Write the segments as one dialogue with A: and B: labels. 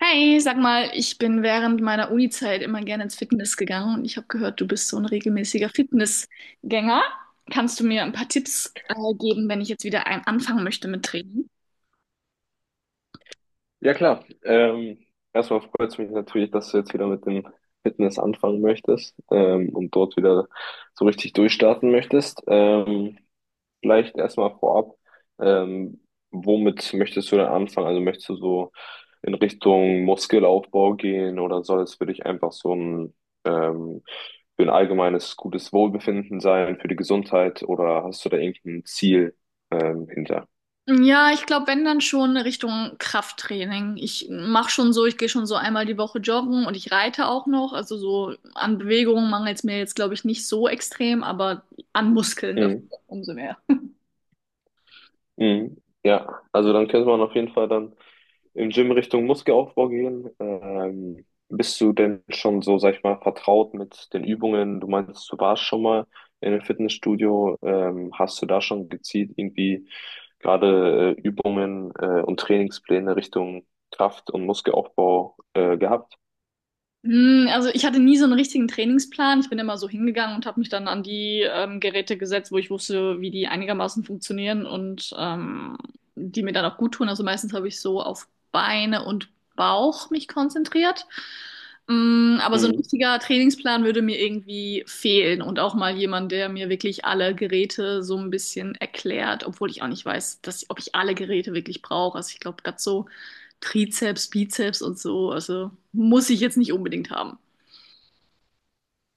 A: Hi, sag mal, ich bin während meiner Unizeit immer gerne ins Fitness gegangen und ich habe gehört, du bist so ein regelmäßiger Fitnessgänger. Kannst du mir ein paar Tipps geben, wenn ich jetzt wieder ein anfangen möchte mit Training?
B: Ja klar. Erstmal freut es mich natürlich, dass du jetzt wieder mit dem Fitness anfangen möchtest und dort wieder so richtig durchstarten möchtest. Vielleicht erstmal vorab, ähm, womit möchtest du denn anfangen? Also möchtest du so in Richtung Muskelaufbau gehen oder soll es für dich einfach so ein, ähm, für ein allgemeines gutes Wohlbefinden sein, für die Gesundheit oder hast du da irgendein Ziel hinter?
A: Ja, ich glaube, wenn dann schon Richtung Krafttraining. Ich mache schon so, ich gehe schon so einmal die Woche joggen und ich reite auch noch. Also so an Bewegungen mangelt es mir jetzt, glaube ich, nicht so extrem, aber an Muskeln dafür
B: Mhm.
A: umso mehr.
B: Mhm. Ja, also dann könnte man auf jeden Fall dann im Gym Richtung Muskelaufbau gehen. Bist du denn schon so, sag ich mal, vertraut mit den Übungen? Du meinst, du warst schon mal in einem Fitnessstudio. Hast du da schon gezielt irgendwie gerade Übungen und Trainingspläne Richtung Kraft- und Muskelaufbau gehabt?
A: Hm, also ich hatte nie so einen richtigen Trainingsplan. Ich bin immer so hingegangen und habe mich dann an die Geräte gesetzt, wo ich wusste, wie die einigermaßen funktionieren, und die mir dann auch gut tun. Also meistens habe ich so auf Beine und Bauch mich konzentriert. Hm, aber so ein
B: Mhm.
A: richtiger Trainingsplan würde mir irgendwie fehlen und auch mal jemand, der mir wirklich alle Geräte so ein bisschen erklärt, obwohl ich auch nicht weiß, dass, ob ich alle Geräte wirklich brauche. Also ich glaube, gerade so Trizeps, Bizeps und so. Also muss ich jetzt nicht unbedingt haben.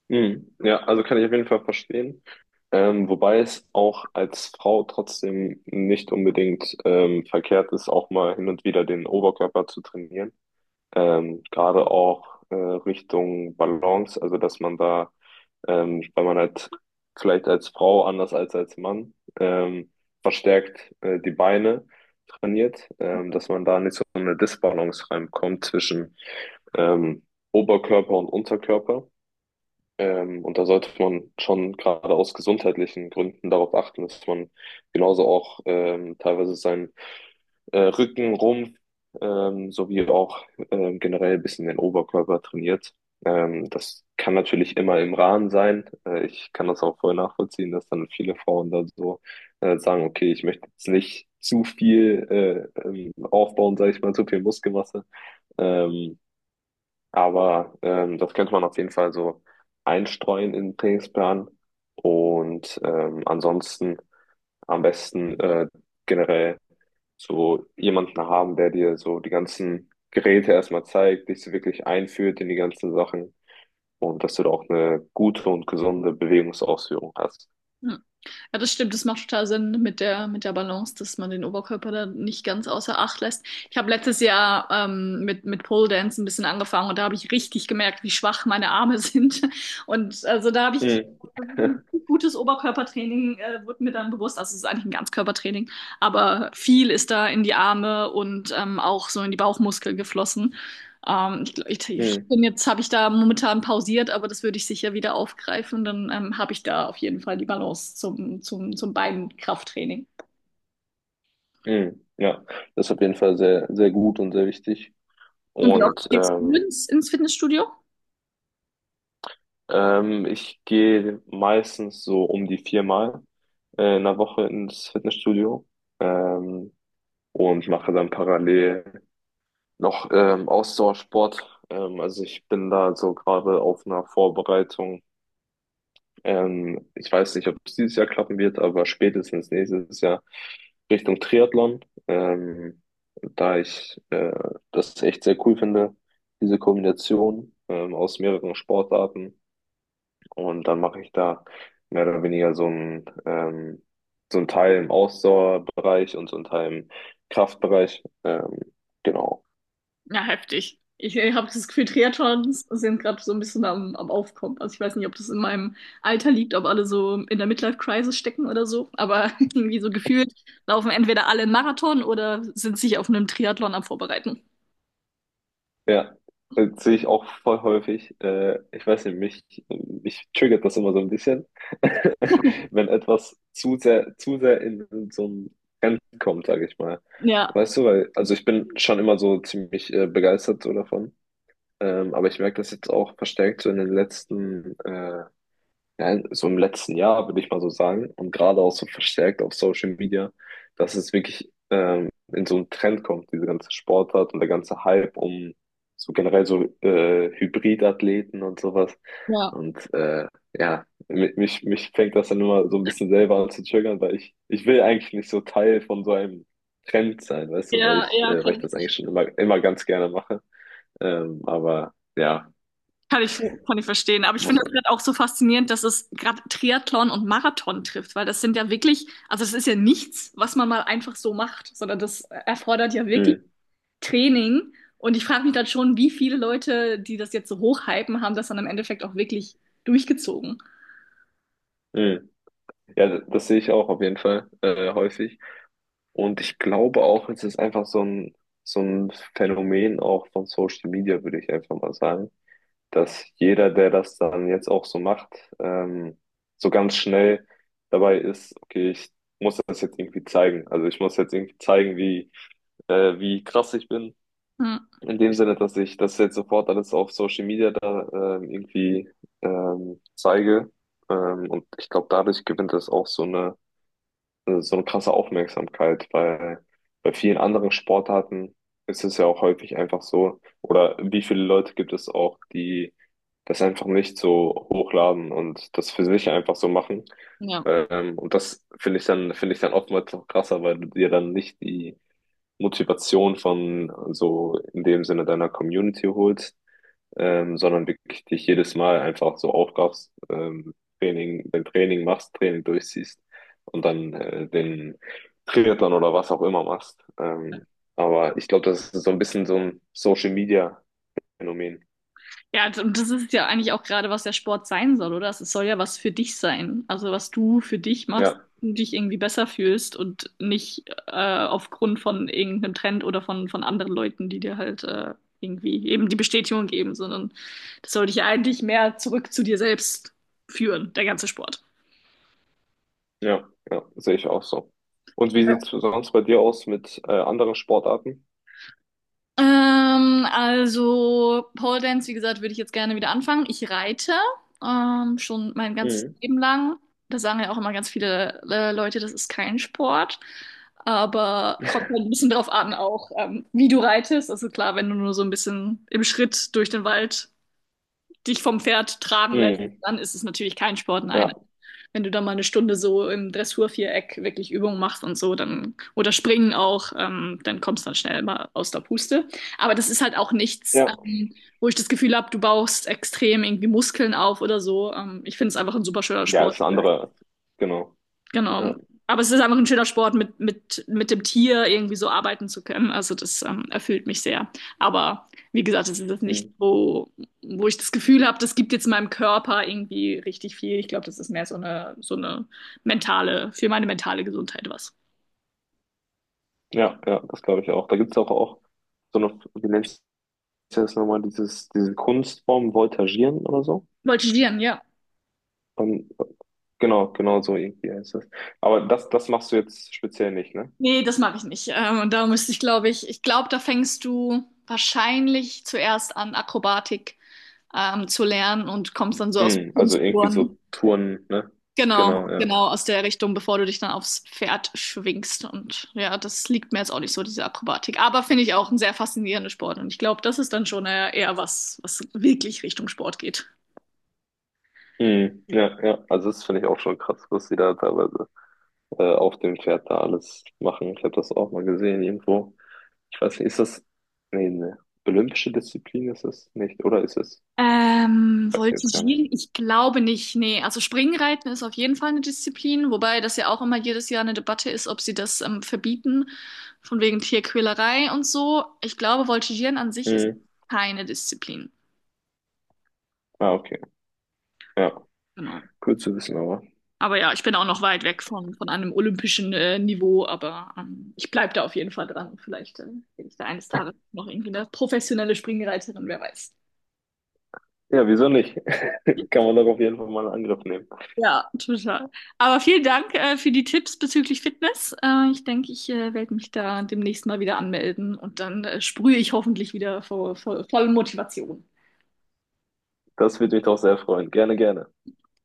B: Mhm. Ja, also kann ich auf jeden Fall verstehen. Wobei es auch als Frau trotzdem nicht unbedingt verkehrt ist, auch mal hin und wieder den Oberkörper zu trainieren. Gerade auch Richtung Balance, also dass man da, weil man halt vielleicht als Frau anders als Mann ähm, verstärkt die Beine trainiert, dass man da nicht so eine Disbalance reinkommt zwischen ähm, Oberkörper und Unterkörper. Und da sollte man schon gerade aus gesundheitlichen Gründen darauf achten, dass man genauso auch teilweise seinen Rücken, Rumpf sowie auch generell ein bisschen den Oberkörper trainiert. Das kann natürlich immer im Rahmen sein. Ich kann das auch voll nachvollziehen, dass dann viele Frauen da so sagen, okay, ich möchte jetzt nicht zu viel aufbauen, sage ich mal, zu viel Muskelmasse. Ähm, aber das könnte man auf jeden Fall so einstreuen in den Trainingsplan. Und ansonsten am besten generell so jemanden haben, der dir so die ganzen Geräte erstmal zeigt, dich so wirklich einführt in die ganzen Sachen und dass du da auch eine gute und gesunde Bewegungsausführung hast.
A: Hm. Ja, das stimmt, das macht total Sinn mit mit der Balance, dass man den Oberkörper da nicht ganz außer Acht lässt. Ich habe letztes Jahr mit Pole Dance ein bisschen angefangen und da habe ich richtig gemerkt, wie schwach meine Arme sind. Und also da habe ich,
B: Mhm.
A: das ist ein gutes Oberkörpertraining, wurde mir dann bewusst, also es ist eigentlich ein Ganzkörpertraining, aber viel ist da in die Arme und auch so in die Bauchmuskeln geflossen. Ich
B: Mhm.
A: bin jetzt, habe ich da momentan pausiert, aber das würde ich sicher wieder aufgreifen. Dann habe ich da auf jeden Fall die Balance zum Beinkrafttraining.
B: Mhm. Ja, das ist auf jeden Fall sehr, sehr gut und sehr wichtig.
A: Und wie oft
B: Und
A: gehst du ins Fitnessstudio?
B: ähm, ich gehe meistens so um die viermal in der Woche ins Fitnessstudio ähm, und mache dann parallel noch Ausdauersport. Also ich bin da so gerade auf einer Vorbereitung. Ich weiß nicht, ob es dieses Jahr klappen wird, aber spätestens nächstes Jahr Richtung Triathlon, ähm, da ich das echt sehr cool finde, diese Kombination aus mehreren Sportarten. Und dann mache ich da mehr oder weniger so ein Teil im Ausdauerbereich und so ein Teil im Kraftbereich. Genau.
A: Ja, heftig. Ich habe das Gefühl, Triathlons sind gerade so ein bisschen am Aufkommen. Also ich weiß nicht, ob das in meinem Alter liegt, ob alle so in der Midlife-Crisis stecken oder so. Aber irgendwie so gefühlt laufen entweder alle einen Marathon oder sind sich auf einem Triathlon am Vorbereiten.
B: Ja, das sehe ich auch voll häufig. Ich weiß nicht, mich triggert das immer so ein bisschen, wenn etwas zu sehr in so ein Trend kommt, sage ich mal.
A: Ja,
B: Weißt du, weil, also ich bin schon immer so ziemlich begeistert so davon. Aber ich merke das jetzt auch verstärkt so in den letzten ja, so im letzten Jahr, würde ich mal so sagen, und gerade auch so verstärkt auf Social Media, dass es wirklich in so einen Trend kommt, diese ganze Sportart und der ganze Hype um so generell so Hybridathleten und sowas.
A: ja,
B: Und ja, mich fängt das dann immer so ein bisschen selber an zu triggern, weil ich will eigentlich nicht so Teil von so einem Trend sein, weißt du,
A: ja, ja,
B: weil ich das eigentlich schon immer, immer ganz gerne mache. Aber ja,
A: kann ich, kann ich verstehen. Aber ich finde
B: muss.
A: das gerade auch so faszinierend, dass es gerade Triathlon und Marathon trifft, weil das sind ja wirklich, also das ist ja nichts, was man mal einfach so macht, sondern das erfordert ja wirklich
B: Mm,
A: Training. Und ich frage mich dann schon, wie viele Leute, die das jetzt so hochhypen, haben das dann im Endeffekt auch wirklich durchgezogen.
B: mm. Ja, das sehe ich auch auf jeden Fall häufig. Und ich glaube auch, es ist einfach so ein Phänomen auch von Social Media, würde ich einfach mal sagen, dass jeder, der das dann jetzt auch so macht, ähm, so ganz schnell dabei ist, okay, ich muss das jetzt irgendwie zeigen. Also ich muss jetzt irgendwie zeigen, wie, wie krass ich bin.
A: Hm.
B: In dem Sinne, dass ich das jetzt sofort alles auf Social Media da irgendwie zeige. Und ich glaube, dadurch gewinnt das auch so eine krasse Aufmerksamkeit, weil bei vielen anderen Sportarten ist es ja auch häufig einfach so, oder wie viele Leute gibt es auch, die das einfach nicht so hochladen und das für sich einfach so machen.
A: Ja.
B: Und das finde ich dann oftmals noch krasser, weil du dir dann nicht die Motivation von so in dem Sinne deiner Community holst, sondern wirklich dich jedes Mal einfach so aufraffst, Training, dein Training machst, Training durchziehst und dann den Triathlon oder was auch immer machst. Aber ich glaube, das ist so ein bisschen so ein Social Media Phänomen.
A: Ja, und das ist ja eigentlich auch gerade, was der Sport sein soll, oder? Es soll ja was für dich sein. Also was du für dich machst,
B: Ja,
A: du dich irgendwie besser fühlst und nicht aufgrund von irgendeinem Trend oder von anderen Leuten, die dir halt irgendwie eben die Bestätigung geben, sondern das soll dich ja eigentlich mehr zurück zu dir selbst führen, der ganze Sport.
B: ja, ja, sehe ich auch so. Und wie sieht's sonst bei dir aus mit anderen Sportarten?
A: Also Pole Dance, wie gesagt, würde ich jetzt gerne wieder anfangen. Ich reite schon mein ganzes
B: Mhm.
A: Leben lang. Da sagen ja auch immer ganz viele Leute, das ist kein Sport. Aber kommt halt ein bisschen drauf an, auch wie du reitest. Also klar, wenn du nur so ein bisschen im Schritt durch den Wald dich vom Pferd tragen lässt,
B: Mhm.
A: dann ist es natürlich kein Sport, nein.
B: Ja,
A: Wenn du da mal eine Stunde so im Dressurviereck wirklich Übungen machst und so, dann, oder springen auch, dann kommst du dann schnell mal aus der Puste. Aber das ist halt auch nichts,
B: ja.
A: wo ich das Gefühl habe, du baust extrem irgendwie Muskeln auf oder so. Ich finde es einfach ein super schöner
B: Ja,
A: Sport.
B: ist eine andere, genau.
A: Genau.
B: Ja,
A: Aber es ist einfach ein schöner Sport, mit dem Tier irgendwie so arbeiten zu können. Also das erfüllt mich sehr. Aber wie gesagt, es ist jetzt nicht
B: mhm.
A: so, wo ich das Gefühl habe, das gibt jetzt meinem Körper irgendwie richtig viel. Ich glaube, das ist mehr so so eine mentale, für meine mentale Gesundheit was.
B: Ja, ja, das glaube ich auch. Da gibt's auch, auch so eine, wie nennt's ist das nochmal dieses, diese Kunstform Voltagieren oder so?
A: Voltigieren, ja.
B: Und, genau, genau so irgendwie heißt das. Aber das, das machst du jetzt speziell nicht, ne?
A: Nee, das mache ich nicht. Und da müsste ich, glaube ich, ich glaube, da fängst du wahrscheinlich zuerst an, Akrobatik zu lernen und kommst dann so aus dem
B: Mm, also irgendwie so
A: Kunstturnen.
B: Touren, ne?
A: Genau,
B: Genau, ja.
A: genau, aus der Richtung, bevor du dich dann aufs Pferd schwingst. Und ja, das liegt mir jetzt auch nicht so, diese Akrobatik. Aber finde ich auch ein sehr faszinierender Sport. Und ich glaube, das ist dann schon eher, eher was, was wirklich Richtung Sport geht.
B: Mm, ja, ja. Also das finde ich auch schon krass, was die da teilweise auf dem Pferd da alles machen. Ich habe das auch mal gesehen irgendwo. Ich weiß nicht, ist das, nee, ne, olympische Disziplin ist es nicht, oder ist es? Weiß ich jetzt gar nicht.
A: Voltigieren? Ich glaube nicht. Nee, also Springreiten ist auf jeden Fall eine Disziplin, wobei das ja auch immer jedes Jahr eine Debatte ist, ob sie das verbieten, von wegen Tierquälerei und so. Ich glaube, Voltigieren an sich ist
B: Mm,
A: keine Disziplin.
B: ah, okay. Ja,
A: Genau.
B: cool zu wissen, aber.
A: Aber ja, ich bin auch noch weit weg von einem olympischen Niveau, aber ich bleibe da auf jeden Fall dran. Vielleicht bin ich da eines Tages noch irgendwie eine professionelle Springreiterin, wer weiß.
B: Ja, wieso nicht? Kann man doch auf jeden Fall mal einen Angriff nehmen.
A: Ja, total. Aber vielen Dank für die Tipps bezüglich Fitness. Ich denke, ich werde mich da demnächst mal wieder anmelden und dann sprühe ich hoffentlich wieder vor, vor voller Motivation.
B: Das würde mich doch sehr freuen. Gerne, gerne.